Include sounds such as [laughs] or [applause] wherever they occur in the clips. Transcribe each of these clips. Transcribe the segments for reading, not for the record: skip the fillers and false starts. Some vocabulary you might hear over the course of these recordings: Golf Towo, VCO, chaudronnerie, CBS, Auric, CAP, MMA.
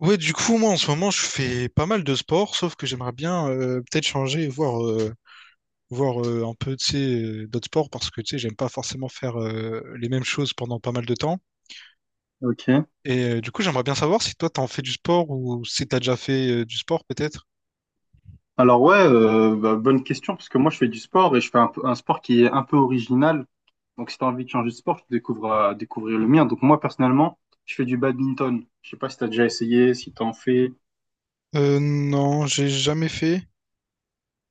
Ouais, du coup, moi, en ce moment, je fais pas mal de sport, sauf que j'aimerais bien peut-être changer, et voir un peu, tu sais, d'autres sports, parce que, tu sais, j'aime pas forcément faire les mêmes choses pendant pas mal de temps. Ok. Et du coup, j'aimerais bien savoir si toi, t'en fais du sport ou si t'as déjà fait du sport, peut-être. Alors ouais, bah, bonne question parce que moi je fais du sport et je fais un sport qui est un peu original. Donc si t'as envie de changer de sport, tu découvres à découvrir le mien. Donc moi personnellement, je fais du badminton. Je sais pas si t'as déjà essayé, si t'en fais. Non, j'ai jamais fait.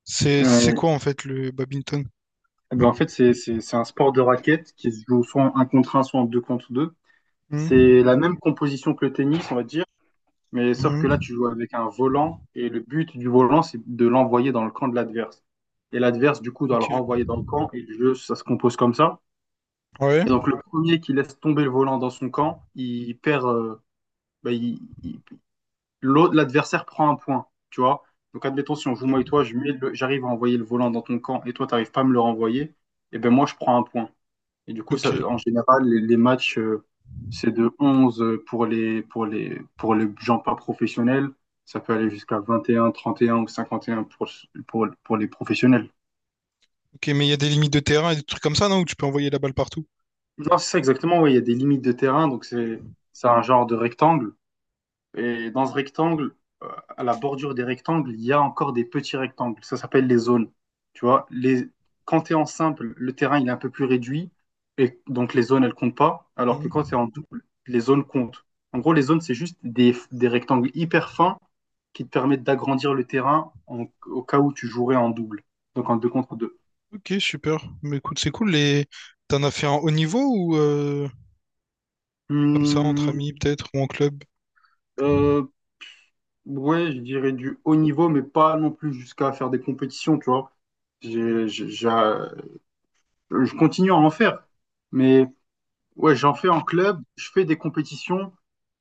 C'est Euh, quoi, en fait, le badminton? eh ben, en fait, c'est un sport de raquette qui se joue soit en 1 contre un soit en 2 contre 2. C'est Mhm. la même composition que le tennis, on va dire, mais sauf que là Mhm. tu joues avec un volant et le but du volant c'est de l'envoyer dans le camp de l'adverse. Et l'adverse du coup doit le Ok. renvoyer dans le camp et le jeu ça se compose comme ça. Ouais. Et donc le premier qui laisse tomber le volant dans son camp, il perd. Bah, l'adversaire prend un point, tu vois. Donc admettons si on joue moi et Ok. toi, j'arrive à envoyer le volant dans ton camp et toi t'arrives pas à me le renvoyer, et ben moi je prends un point. Et du coup ça, Ok. en général les matchs c'est de 11 pour les gens pas professionnels. Ça peut aller jusqu'à 21, 31 ou 51 pour les professionnels. Ok, mais il y a des limites de terrain et des trucs comme ça, non? Où tu peux envoyer la balle partout. Non, c'est ça exactement, ouais, il y a des limites de terrain, donc Mhm. c'est un genre de rectangle. Et dans ce rectangle, euh, à la bordure des rectangles, il y a encore des petits rectangles. Ça s'appelle les zones. Tu vois, quand tu es en simple, le terrain il est un peu plus réduit. Et donc les zones, elles comptent pas. Alors que quand tu Mhm. es en double, les zones comptent. En gros, les zones, c'est juste des rectangles hyper fins qui te permettent d'agrandir le terrain au cas où tu jouerais en double. Donc en deux contre 2. Ok, super. Mais écoute, c'est cool. T'en as fait un haut niveau ou comme ça, entre amis peut-être, ou en club? Ouais, je dirais du haut niveau, mais pas non plus jusqu'à faire des compétitions, tu vois. J'ai j'ai- j'ai- Je continue à en faire. Mais ouais, j'en fais en club, je fais des compétitions,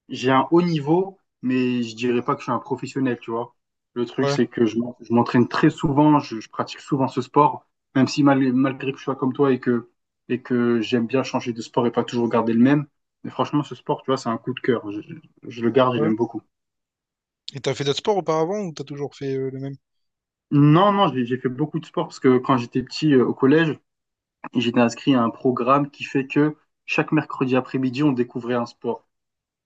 j'ai un haut niveau, mais je dirais pas que je suis un professionnel, tu vois. Le truc, Ouais. c'est que je m'entraîne très souvent, je pratique souvent ce sport, même si malgré que je sois comme toi et que j'aime bien changer de sport et pas toujours garder le même. Mais franchement, ce sport, tu vois, c'est un coup de cœur. Je le garde, je Ouais. l'aime beaucoup. Et t'as fait d'autres sports auparavant ou t'as toujours fait le même? Non, non, j'ai fait beaucoup de sport parce que quand j'étais petit, au collège, j'étais inscrit à un programme qui fait que chaque mercredi après-midi, on découvrait un sport.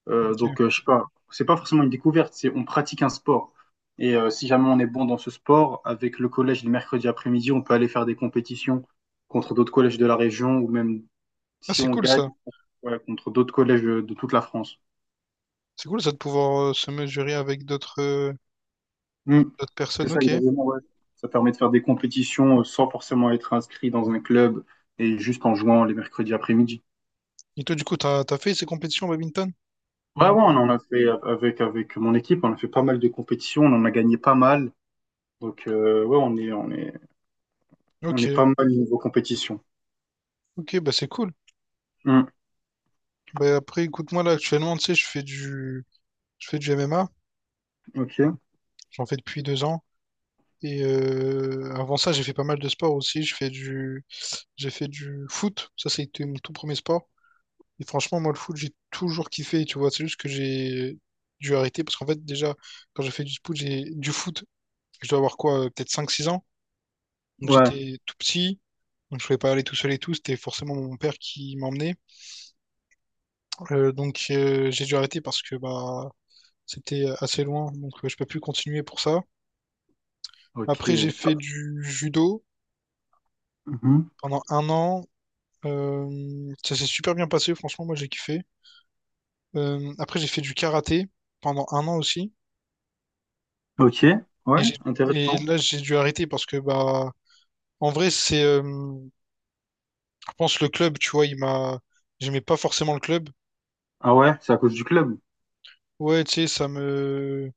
Ok. Je sais pas, c'est pas forcément une découverte, c'est on pratique un sport. Et si jamais on est bon dans ce sport, avec le collège le mercredi après-midi, on peut aller faire des compétitions contre d'autres collèges de la région ou même Ah, si c'est on cool gagne, ça. ouais, contre d'autres collèges de toute la France. C'est cool ça de pouvoir se mesurer avec d'autres euh, Mm. d'autres C'est personnes, ça, ok. exactement, ouais. Ça permet de faire des compétitions sans forcément être inscrit dans un club et juste en jouant les mercredis après-midi. Et toi du coup t'as fait ces compétitions au badminton? Ouais, Ou, ouais, on euh, en a fait avec mon équipe, on a fait pas mal de compétitions, on en a gagné pas mal. Donc, ouais, on Ok, est pas mal niveau compétition. ok, bah c'est cool. Hmm. Bah après écoute moi là actuellement tu sais je fais du MMA, Ok. j'en fais depuis 2 ans. Et avant ça j'ai fait pas mal de sports aussi. Je fais du J'ai fait du foot, ça c'était mon tout premier sport. Et franchement moi le foot j'ai toujours kiffé, tu vois, c'est juste que j'ai dû arrêter parce qu'en fait déjà quand j'ai fait du foot, je dois avoir quoi, peut-être 5-6 ans. Donc Ouais. j'étais tout petit, donc je pouvais pas aller tout seul et tout, c'était forcément mon père qui m'emmenait. Donc j'ai dû arrêter parce que bah c'était assez loin, donc je peux plus continuer pour ça. Ok. Après j'ai fait du judo Mhm. pendant un an. Ça s'est super bien passé, franchement moi j'ai kiffé. Après j'ai fait du karaté pendant un an aussi, Ok. Ouais. et j'ai et Intéressant. là j'ai dû arrêter parce que bah en vrai c'est, je pense le club, tu vois, j'aimais pas forcément le club. Ah ouais, c'est à cause du club. Ouais, tu sais, ça me...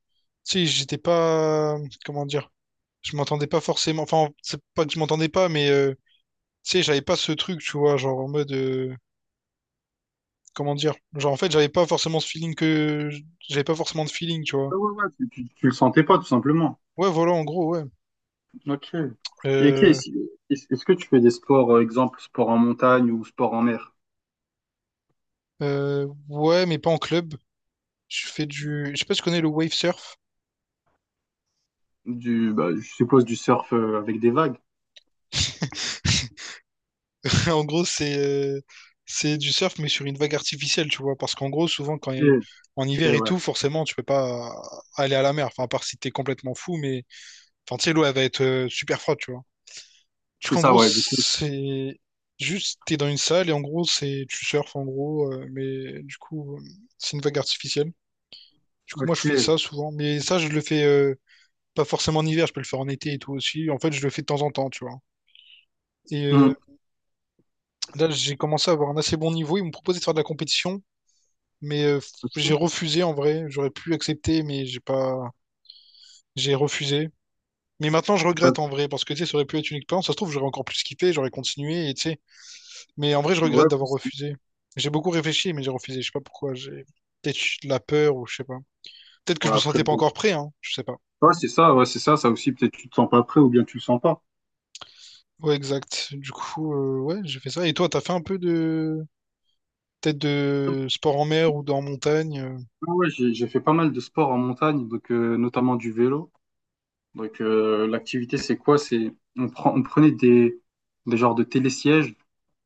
Tu sais, j'étais pas... Comment dire? Je m'entendais pas forcément... Enfin, c'est pas que je m'entendais pas, mais tu sais, j'avais pas ce truc, tu vois, genre en mode... Comment dire? Genre, en fait, j'avais pas forcément ce feeling que... J'avais pas forcément de feeling, tu vois. Ah ouais, ouais, tu le sentais pas, tout simplement. Ouais, voilà, en gros, ouais. Ok. Et ok, Euh, est-ce que tu fais des sports, exemple, sport en montagne ou sport en mer? Ouais, mais pas en club. Je sais pas si tu connais le wave surf. Bah, je suppose du surf avec des vagues. [laughs] En gros, c'est c'est du surf, mais sur une vague artificielle, tu vois. Parce qu'en gros, souvent, Ok, en hiver ok, et ouais. tout, forcément, tu peux pas aller à la mer. Enfin, à part si t'es complètement fou, mais enfin, tu sais, l'eau, elle va être super froide, tu vois. Donc, C'est en ça, gros, ouais, du coup. c'est juste, t'es dans une salle et en gros, c'est tu surfes, en gros, mais du coup, c'est une vague artificielle. Du coup, moi, je Ok. fais ça souvent. Mais ça, je le fais pas forcément en hiver, je peux le faire en été et tout aussi. En fait, je le fais de temps en temps, tu vois. Et Hmm, là, j'ai commencé à avoir un assez bon niveau. Ils m'ont proposé de faire de la compétition. Mais j'ai refusé en vrai. J'aurais pu accepter, mais j'ai pas. J'ai refusé. Mais maintenant, je c'est pas- regrette en vrai, parce que tu sais, ça aurait pu être une expérience. Ça se trouve, j'aurais encore plus kiffé, j'aurais continué, et tu sais. Mais en vrai, je Ouais, regrette d'avoir refusé. J'ai beaucoup réfléchi, mais j'ai refusé. Je sais pas pourquoi. J'ai peut-être de la peur ou je sais pas. Peut-être que je ouais, me après, sentais pas bon. encore prêt, hein. Je sais pas. Ouais, c'est ça, ça aussi, peut-être tu te sens pas prêt ou bien tu le sens pas. Ouais, exact. Du coup, ouais, j'ai fait ça. Et toi, t'as fait un peu de. Peut-être de sport en mer ou dans montagne. Ouais, ouais, j'ai fait pas mal de sport en montagne, donc notamment du vélo. Donc l'activité c'est quoi? C'est on prenait des genres de télésièges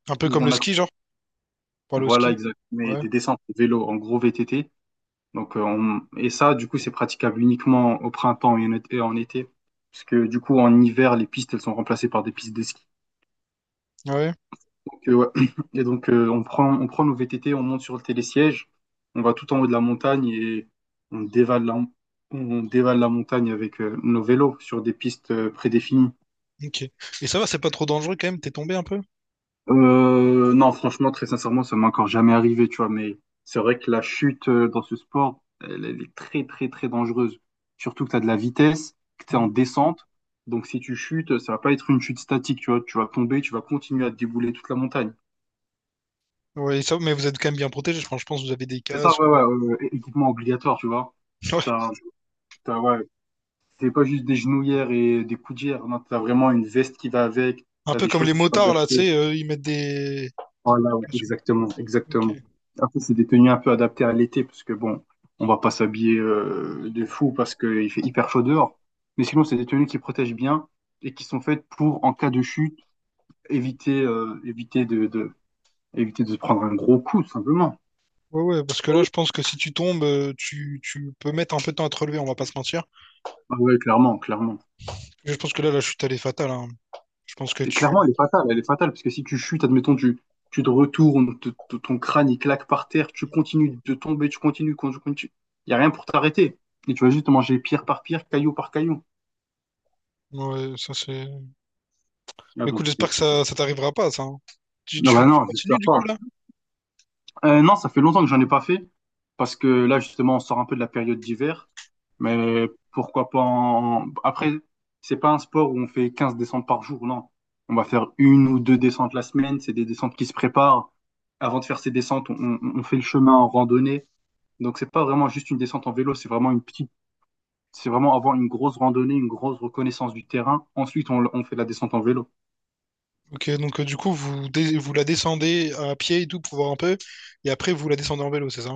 Un peu où comme le on a, ski, genre, pour aller au voilà, ski. exact, mais Ouais, des descentes de vélo en gros VTT. Donc et ça du coup c'est praticable uniquement au printemps et en été, parce que du coup en hiver les pistes elles sont remplacées par des pistes de ski. ouais, Ouais. [clears throat] Et donc, on prend, nos VTT, on monte sur le télésiège, on va tout en haut de la montagne et on dévale la, on dévale la montagne avec nos vélos sur des pistes prédéfinies. ok. Et ça va, c'est pas trop dangereux quand même, t'es tombé un peu? Non, franchement, très sincèrement, ça m'est encore jamais arrivé, tu vois, mais c'est vrai que la chute, dans ce sport, elle est très, très, très dangereuse. Surtout que tu as de la vitesse, que tu es en descente. Donc, si tu chutes, ça va pas être une chute statique, tu vois. Tu vas tomber, tu vas continuer à te débouler toute la montagne. Oui, ça, mais vous êtes quand même bien protégé. Je pense que vous avez des C'est ça, casques. ouais, [laughs] ouais, ouais, ouais, équipement obligatoire, tu vois. Ouais. T'as, ouais, c'est pas juste des genouillères et des coudières, non, t'as vraiment une veste qui va avec, Un t'as peu des comme les chaussures motards, là, tu adaptées. sais, ils mettent des... Voilà, ouais, exactement, exactement. Ok. Après, c'est des tenues un peu adaptées à l'été, parce que bon, on va pas s'habiller de fou parce qu'il fait hyper chaud dehors. Mais sinon, c'est des tenues qui protègent bien et qui sont faites pour, en cas de chute, éviter, euh, éviter de, de, éviter de se prendre un gros coup, tout simplement. Ouais, ouais, parce que là, je pense que si tu tombes, tu peux mettre un peu de temps à te relever, on va pas se mentir. Ah ouais, clairement, clairement. Je pense que là, la chute, elle est fatale, hein. Je pense que Et tu... clairement, elle est fatale, parce que si tu chutes, admettons, tu te retournes, ton crâne il claque par terre, tu continues de tomber, tu continues, tu continues. Il n'y a rien pour t'arrêter. Et tu vas juste manger pierre par pierre, caillou par caillou. Ouais, ça, c'est... Ah, Mais donc, écoute, c'est- j'espère que c'est- ça t'arrivera pas, ça. Hein. Tu, non, tu, bah tu non, continues, j'espère du pas. coup, là? Non, ça fait longtemps que j'en ai pas fait, parce que là, justement, on sort un peu de la période d'hiver. Mais pourquoi pas. Après, c'est pas un sport où on fait 15 descentes par jour, non. On va faire une ou deux descentes la semaine, c'est des descentes qui se préparent. Avant de faire ces descentes, on fait le chemin en randonnée. Donc, c'est pas vraiment juste une descente en vélo, c'est vraiment une petite, c'est vraiment avoir une grosse randonnée, une grosse reconnaissance du terrain. Ensuite, on fait la descente en vélo. Ok, donc, du coup, vous la descendez à pied et tout pour voir un peu, et après, vous la descendez en vélo, c'est ça?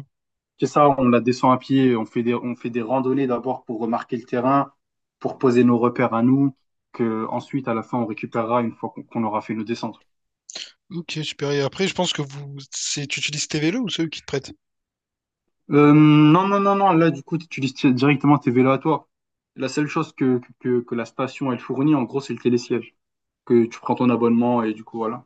C'est ça, on la descend à pied, on fait on fait des randonnées d'abord pour remarquer le terrain, pour poser nos repères à nous, que ensuite à la fin on récupérera une fois qu'on aura fait nos descentes. Ok, super. Et après, je pense que tu utilises tes vélos ou ceux qui te prêtent? Non, non, non, non, là du coup tu utilises directement tes vélos à toi. La seule chose que la station elle fournit en gros c'est le télésiège, que tu prends ton abonnement et du coup voilà.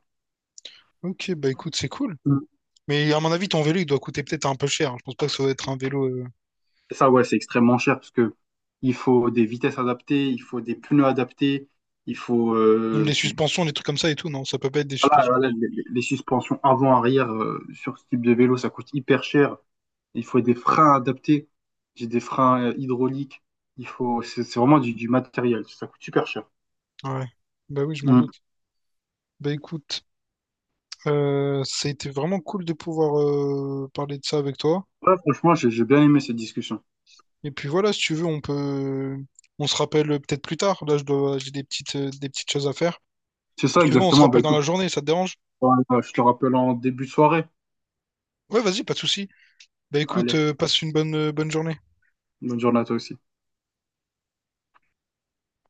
Ok, bah écoute, c'est cool. Mm. Mais à mon avis, ton vélo, il doit coûter peut-être un peu cher. Je pense pas que ça doit être un vélo. Et ça ouais c'est extrêmement cher parce que il faut des vitesses adaptées, il faut des pneus adaptés, il faut Même les euh, du, suspensions, les trucs comme ça et tout, non? Ça peut pas être des Voilà, suspensions de voilà, les suspensions avant-arrière sur ce type de vélo, ça coûte hyper cher. Il faut des freins adaptés. J'ai des freins hydrauliques. Il faut, c'est vraiment du matériel. Ça coûte super cher. merde. Ouais. Bah oui, je m'en Mm. doute. Bah écoute, ça a été vraiment cool de pouvoir parler de ça avec toi. Ouais, franchement, j'ai bien aimé cette discussion. Et puis voilà, si tu veux, on se rappelle peut-être plus tard. Là, j'ai des petites choses à faire. C'est ça Si tu veux, on se exactement. Bah rappelle dans la écoute, journée. Ça te dérange? Je te rappelle en début de soirée. Ouais, vas-y, pas de souci. Bah écoute, Allez, passe une bonne journée. bonne journée à toi aussi.